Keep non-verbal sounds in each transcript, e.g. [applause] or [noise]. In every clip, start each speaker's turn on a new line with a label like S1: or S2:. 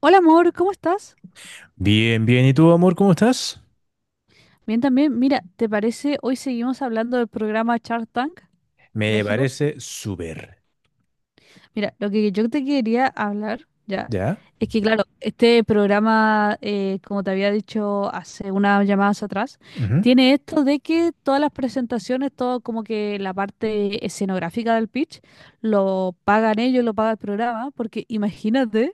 S1: Hola amor, ¿cómo estás?
S2: Bien, bien. ¿Y tú, amor, cómo estás?
S1: Bien también, mira, ¿te parece? Hoy seguimos hablando del programa Shark Tank
S2: Me
S1: México.
S2: parece súper.
S1: Mira, lo que yo te quería hablar ya
S2: ¿Ya?
S1: es que, claro, este programa, como te había dicho hace unas llamadas atrás,
S2: Ujú.
S1: tiene esto de que todas las presentaciones, todo como que la parte escenográfica del pitch, lo pagan ellos, lo paga el programa, porque imagínate.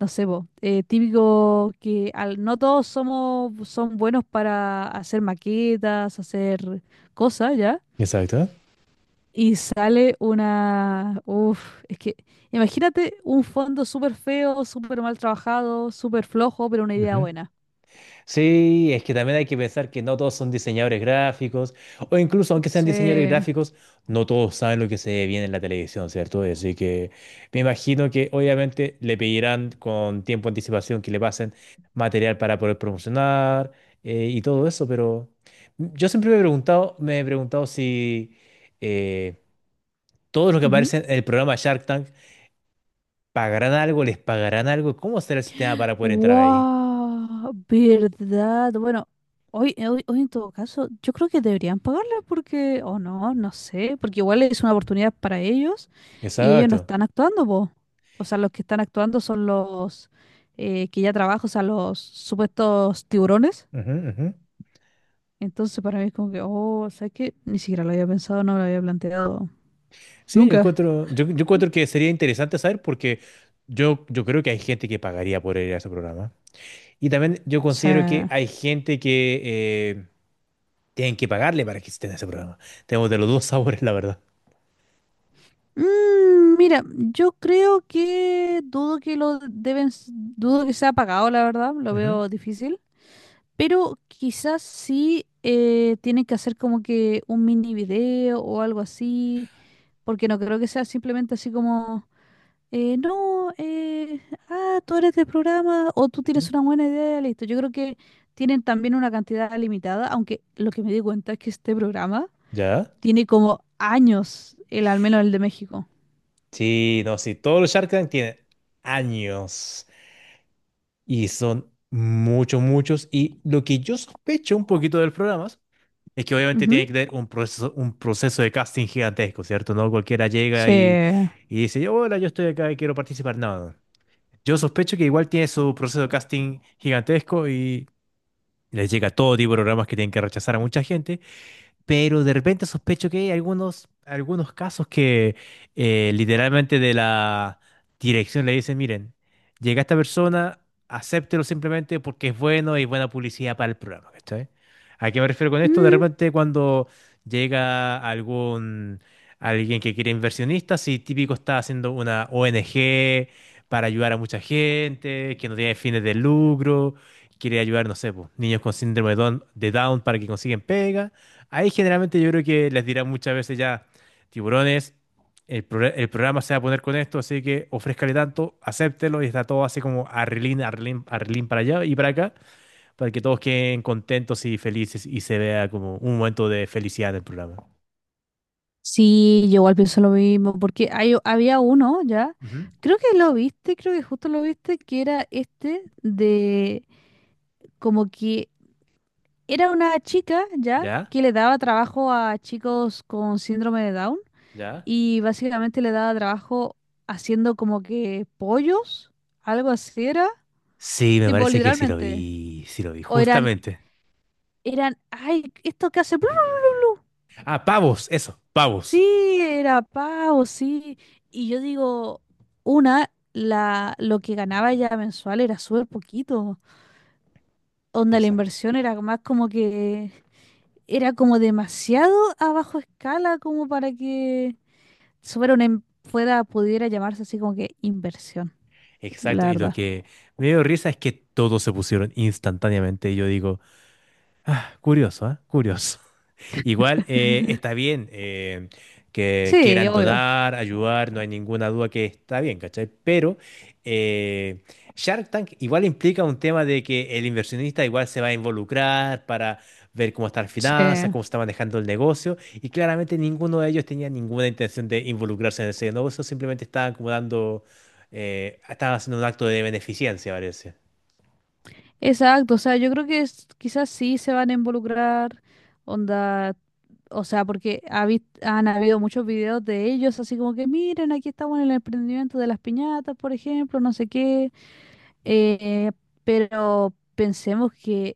S1: No sé, po, típico que al, no todos somos, son buenos para hacer maquetas, hacer cosas, ¿ya?
S2: Exacto.
S1: Y sale una... Uf, es que imagínate un fondo súper feo, súper mal trabajado, súper flojo, pero una idea
S2: Ujú.
S1: buena.
S2: Sí, es que también hay que pensar que no todos son diseñadores gráficos, o incluso aunque sean diseñadores
S1: Sí.
S2: gráficos, no todos saben lo que se ve bien en la televisión, ¿cierto? Así que me imagino que obviamente le pedirán con tiempo de anticipación que le pasen material para poder promocionar, y todo eso, pero yo siempre me he preguntado si, eh, todos los que
S1: Ujú.
S2: aparecen en el programa Shark Tank. ¿Pagarán algo? ¿Les pagarán algo? ¿Cómo será el sistema para poder entrar ahí?
S1: ¡Wow! ¿Verdad? Bueno, hoy en todo caso, yo creo que deberían pagarle porque, o no, no sé, porque igual es una oportunidad para ellos y ellos no
S2: Exacto.
S1: están actuando, po. O sea, los que están actuando son los que ya trabajan, o sea, los supuestos tiburones.
S2: Ujú, ujú.
S1: Entonces, para mí es como que, oh, o sea, que ni siquiera lo había pensado, no lo había planteado.
S2: Sí, yo
S1: Nunca.
S2: encuentro, yo, yo encuentro que sería interesante saber, porque yo creo que hay gente que pagaría por ir a ese programa. Y también yo
S1: O
S2: considero que
S1: sea.
S2: hay gente que, eh, tienen que pagarle para que esté en ese programa. Tenemos de los dos [laughs] sabores, la verdad.
S1: Mira, yo creo que dudo que lo deben, s- dudo que sea pagado, la verdad, lo
S2: Ujú,
S1: veo difícil. Pero quizás sí tienen que hacer como que un mini video o algo así, porque no creo que sea simplemente así como, no, ah, tú eres del programa o tú
S2: ujú.
S1: tienes una buena idea, listo. Yo creo que tienen también una cantidad limitada, aunque lo que me di cuenta es que este programa
S2: ¿Ya?
S1: tiene como años, el al menos el de México.
S2: Sí, no, sí. Todos los Shark Tank tienen años, y son muchos, muchos. Y lo que yo sospecho un poquito del programa es que obviamente
S1: Ujú.
S2: tiene que tener un proceso, de casting gigantesco, ¿cierto? No cualquiera llega y,
S1: Sí.
S2: y dice: yo hola, yo estoy acá y quiero participar. No, no. Yo sospecho que igual tiene su proceso de casting gigantesco, y les llega todo tipo de programas que tienen que rechazar a mucha gente, pero de repente sospecho que hay algunos casos que, literalmente de la dirección le dicen: miren, llega esta persona, acéptelo simplemente porque es bueno y buena publicidad para el programa, ¿cachai? ¿A qué me refiero con esto? De
S1: Mm,
S2: repente cuando llega alguien que quiere inversionistas, y típico está haciendo una ONG para ayudar a mucha gente, que no tiene fines de lucro, quiere ayudar, no sé, pues, niños con síndrome de Down para que consiguen pega. Ahí generalmente yo creo que les dirán muchas veces: ya, tiburones, el programa se va a poner con esto, así que ofrézcale tanto, acéptelo, y está todo así como arrelín, arrelín, arrelín, para allá y para acá, para que todos queden contentos y felices, y se vea como un momento de felicidad en el programa.
S1: sí, yo igual pienso lo mismo, porque hay, había uno ya,
S2: Ujú.
S1: creo que lo viste, creo que justo lo viste, que era este de como que era una chica ya
S2: ¿Ya?
S1: que le daba trabajo a chicos con síndrome de Down
S2: ¿Ya?
S1: y básicamente le daba trabajo haciendo como que pollos, algo así era,
S2: Sí, me
S1: tipo
S2: parece que
S1: literalmente,
S2: sí lo vi,
S1: o eran,
S2: justamente.
S1: eran, ay, esto que hace...
S2: Ah, pavos, eso, pavos.
S1: Sí, era pago, sí. Y yo digo, una, la, lo que ganaba ya mensual era súper poquito. Onda, la
S2: Exacto,
S1: inversión era más como que era como demasiado a bajo escala como para que fuera una em- fuera, pudiera llamarse así como que inversión, la
S2: exacto. Y lo
S1: verdad.
S2: que me dio risa es que todos se pusieron instantáneamente. Y yo digo... Curioso, ¿eh? Curioso. [laughs] Igual, está bien, que
S1: Sí,
S2: quieran
S1: obvio.
S2: donar, ayudar, no hay ninguna duda que está bien, ¿cachai? Pero, eh, Shark Tank igual implica un tema de que el inversionista igual se va a involucrar para ver cómo están las finanzas,
S1: Sí.
S2: cómo se está manejando el negocio, y claramente ninguno de ellos tenía ninguna intención de involucrarse en ese negocio, simplemente estaban como dando, estaban haciendo un acto de beneficencia, parece.
S1: Exacto, o sea, yo creo que es- quizás sí se van a involucrar, onda, o sea, porque ha vis- han habido muchos videos de ellos, así como que miren, aquí estamos en el emprendimiento de las piñatas, por ejemplo, no sé qué. Eh, pero pensemos que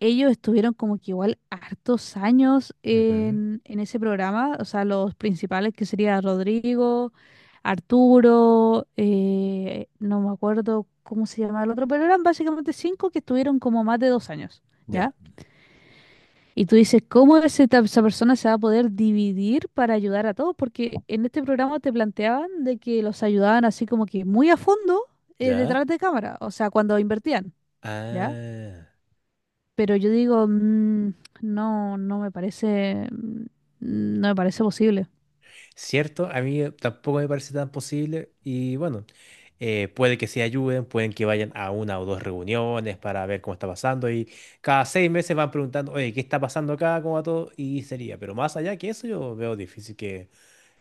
S1: ellos estuvieron como que igual hartos años
S2: Ujú.
S1: en ese programa, o sea, los principales que sería Rodrigo, Arturo, no me acuerdo cómo se llamaba el otro, pero eran básicamente cinco que estuvieron como más de dos años. ¿Ya?
S2: Ya,
S1: Y tú dices, ¿cómo ese ta- esa persona se va a poder dividir para ayudar a todos? Porque en este programa te planteaban de que los ayudaban así como que muy a fondo
S2: ya.
S1: detrás de cámara, o sea, cuando invertían, ¿ya?
S2: Ah.
S1: Pero yo digo, no, no me parece, no me parece posible.
S2: ¿Cierto? A mí, tampoco me parece tan posible. Y bueno, puede que se ayuden, pueden que vayan a una o dos reuniones para ver cómo está pasando, y cada 6 meses van preguntando: oye, ¿qué está pasando acá? ¿Cómo va todo? Y sería, pero más allá que eso yo veo difícil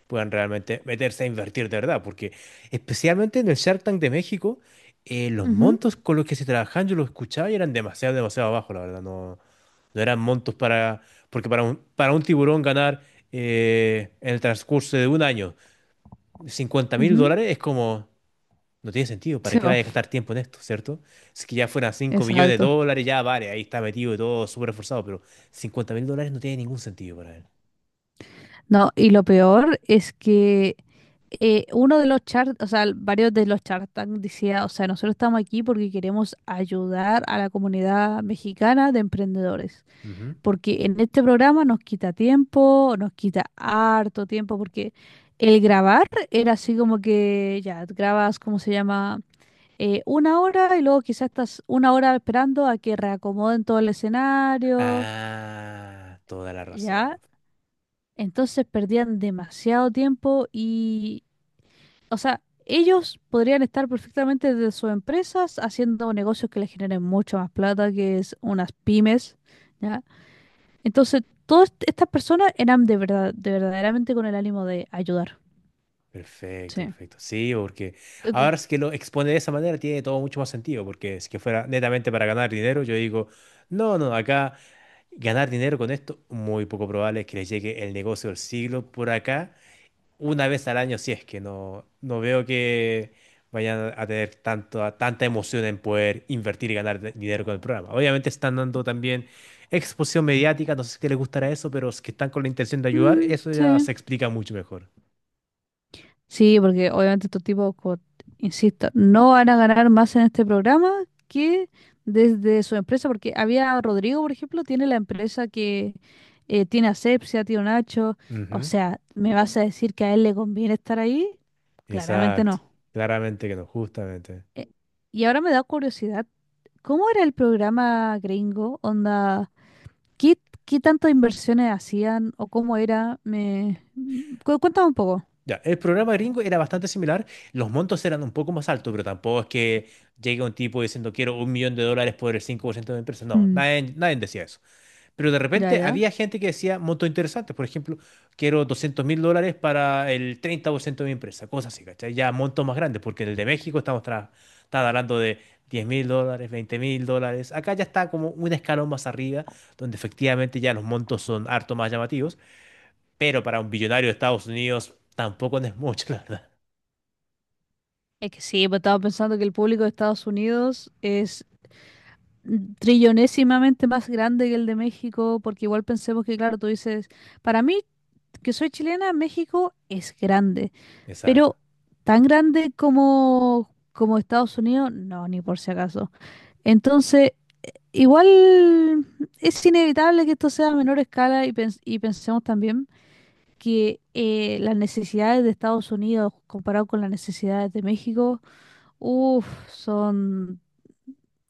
S2: puedan realmente meterse a invertir de verdad, porque especialmente en el Shark Tank de México, los
S1: Ujú,
S2: montos con los que se trabajaban, yo los escuchaba y eran demasiado, demasiado bajos, la verdad, no, no eran montos para, porque para un tiburón ganar, en el transcurso de un año, cincuenta mil
S1: ujú.
S2: dólares es como, no tiene sentido, ¿para
S1: Sí,
S2: qué
S1: po,
S2: vaya a gastar tiempo en esto, cierto? Si que ya fueran cinco millones de
S1: exacto.
S2: dólares, ya vale, ahí está metido y todo súper esforzado, pero 50.000 dólares no tiene ningún sentido para él.
S1: No, y lo peor es que uno de los charts, o sea, varios de los Shark Tank decía, o sea, nosotros estamos aquí porque queremos ayudar a la comunidad mexicana de emprendedores,
S2: Ujú.
S1: porque en este programa nos quita tiempo, nos quita harto tiempo, porque el grabar era así como que ya grabas, ¿cómo se llama? Una hora y luego quizás estás una hora esperando a que reacomoden todo el escenario,
S2: Ah, toda la
S1: ¿ya?
S2: razón.
S1: Entonces perdían demasiado tiempo y, o sea, ellos podrían estar perfectamente desde sus empresas haciendo negocios que les generen mucho más plata, que es unas pymes, ¿ya? Entonces, todas est- estas personas eran de verdad, de verdaderamente con el ánimo de ayudar.
S2: Perfecto,
S1: Sí.
S2: perfecto. Sí, porque
S1: Cu-
S2: ahora es que lo expone de esa manera, tiene todo mucho más sentido, porque es que fuera netamente para ganar dinero, yo digo, no, no, acá ganar dinero con esto, muy poco probable es que les llegue el negocio del siglo por acá, una vez al año, si es que no, no veo que vayan a tener tanto, tanta emoción en poder invertir y ganar dinero con el programa. Obviamente están dando también exposición mediática, no sé si les gustará eso, pero es que están con la intención de ayudar,
S1: Mm,
S2: eso ya
S1: sí.
S2: se explica mucho mejor.
S1: Sí, porque obviamente estos tipos, co- insisto, no van a ganar más en este programa que desde su empresa, porque había Rodrigo, por ejemplo, tiene la empresa que tiene asepsia, tío Nacho. O sea, ¿me vas a decir que a él le conviene estar ahí? Claramente
S2: Exacto,
S1: no.
S2: claramente que no, justamente.
S1: Eh, y ahora me da curiosidad, ¿cómo era el programa gringo? Onda, ¿qué, qué tantas inversiones hacían o cómo era? Me... cu- Cuéntame un poco.
S2: Ya, el programa gringo era bastante similar, los montos eran un poco más altos, pero tampoco es que llegue un tipo diciendo: quiero 1 millón de dólares por el 5% de mi empresa. No,
S1: Mm,
S2: nadie, nadie decía eso. Pero de repente
S1: ya.
S2: había gente que decía montos interesantes, por ejemplo, quiero 200.000 dólares para el 30% de mi empresa, cosas así, ¿cachai? Ya montos más grandes, porque en el de México está hablando de 10.000 dólares, 20.000 dólares. Acá ya está como un escalón más arriba, donde efectivamente ya los montos son harto más llamativos. Pero para un billonario de Estados Unidos tampoco no es mucho, [laughs] la verdad.
S1: Es que sí, pues estaba pensando que el público de Estados Unidos es trillonésimamente más grande que el de México, porque igual pensemos que, claro, tú dices, para mí, que soy chilena, México es grande,
S2: Exacto.
S1: pero tan grande como, como Estados Unidos, no, ni por si acaso. Entonces, igual es inevitable que esto sea a menor escala y, pens- y pensemos también que las necesidades de Estados Unidos comparado con las necesidades de México, uff, son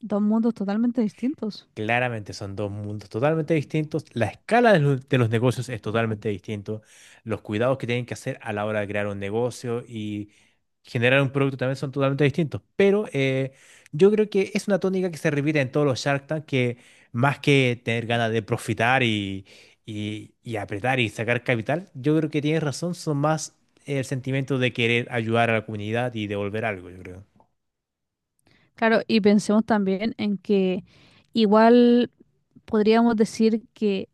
S1: dos mundos totalmente distintos.
S2: Claramente son dos mundos totalmente distintos. La escala de los, negocios es totalmente distinto. Los cuidados que tienen que hacer a la hora de crear un negocio y generar un producto también son totalmente distintos. Pero, yo creo que es una tónica que se repite en todos los Shark Tank, que más que tener ganas de profitar y apretar y sacar capital, yo creo que tienes razón, son más el sentimiento de querer ayudar a la comunidad y devolver algo, yo creo.
S1: Claro, y pensemos también en que igual podríamos decir que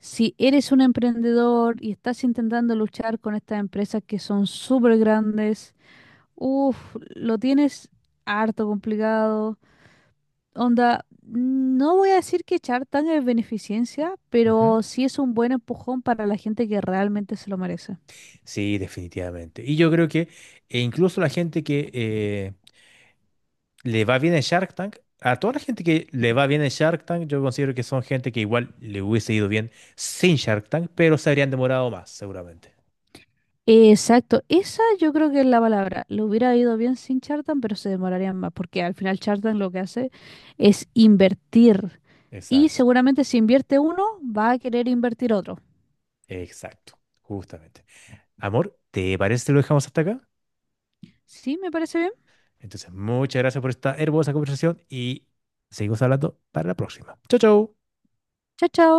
S1: si eres un emprendedor y estás intentando luchar con estas empresas que son súper grandes, uff, lo tienes harto complicado. Onda, no voy a decir que Chartan es beneficencia,
S2: Ujú.
S1: pero sí es un buen empujón para la gente que realmente se lo merece.
S2: Sí, definitivamente. Y yo creo que e incluso la gente que, le va bien en Shark Tank. A toda la gente que le va bien en Shark Tank, yo considero que son gente que igual le hubiese ido bien sin Shark Tank, pero se habrían demorado más, seguramente.
S1: Exacto, esa yo creo que es la palabra. Lo hubiera ido bien sin Chartan, pero se demorarían más, porque al final Chartan lo que hace es invertir. Y
S2: Exacto,
S1: seguramente si invierte uno, va a querer invertir otro.
S2: exacto, justamente. Amor, ¿te parece que lo dejamos hasta acá?
S1: Sí, me parece bien.
S2: Entonces, muchas gracias por esta hermosa conversación, y seguimos hablando para la próxima. Chau, chau.
S1: Chao, chao.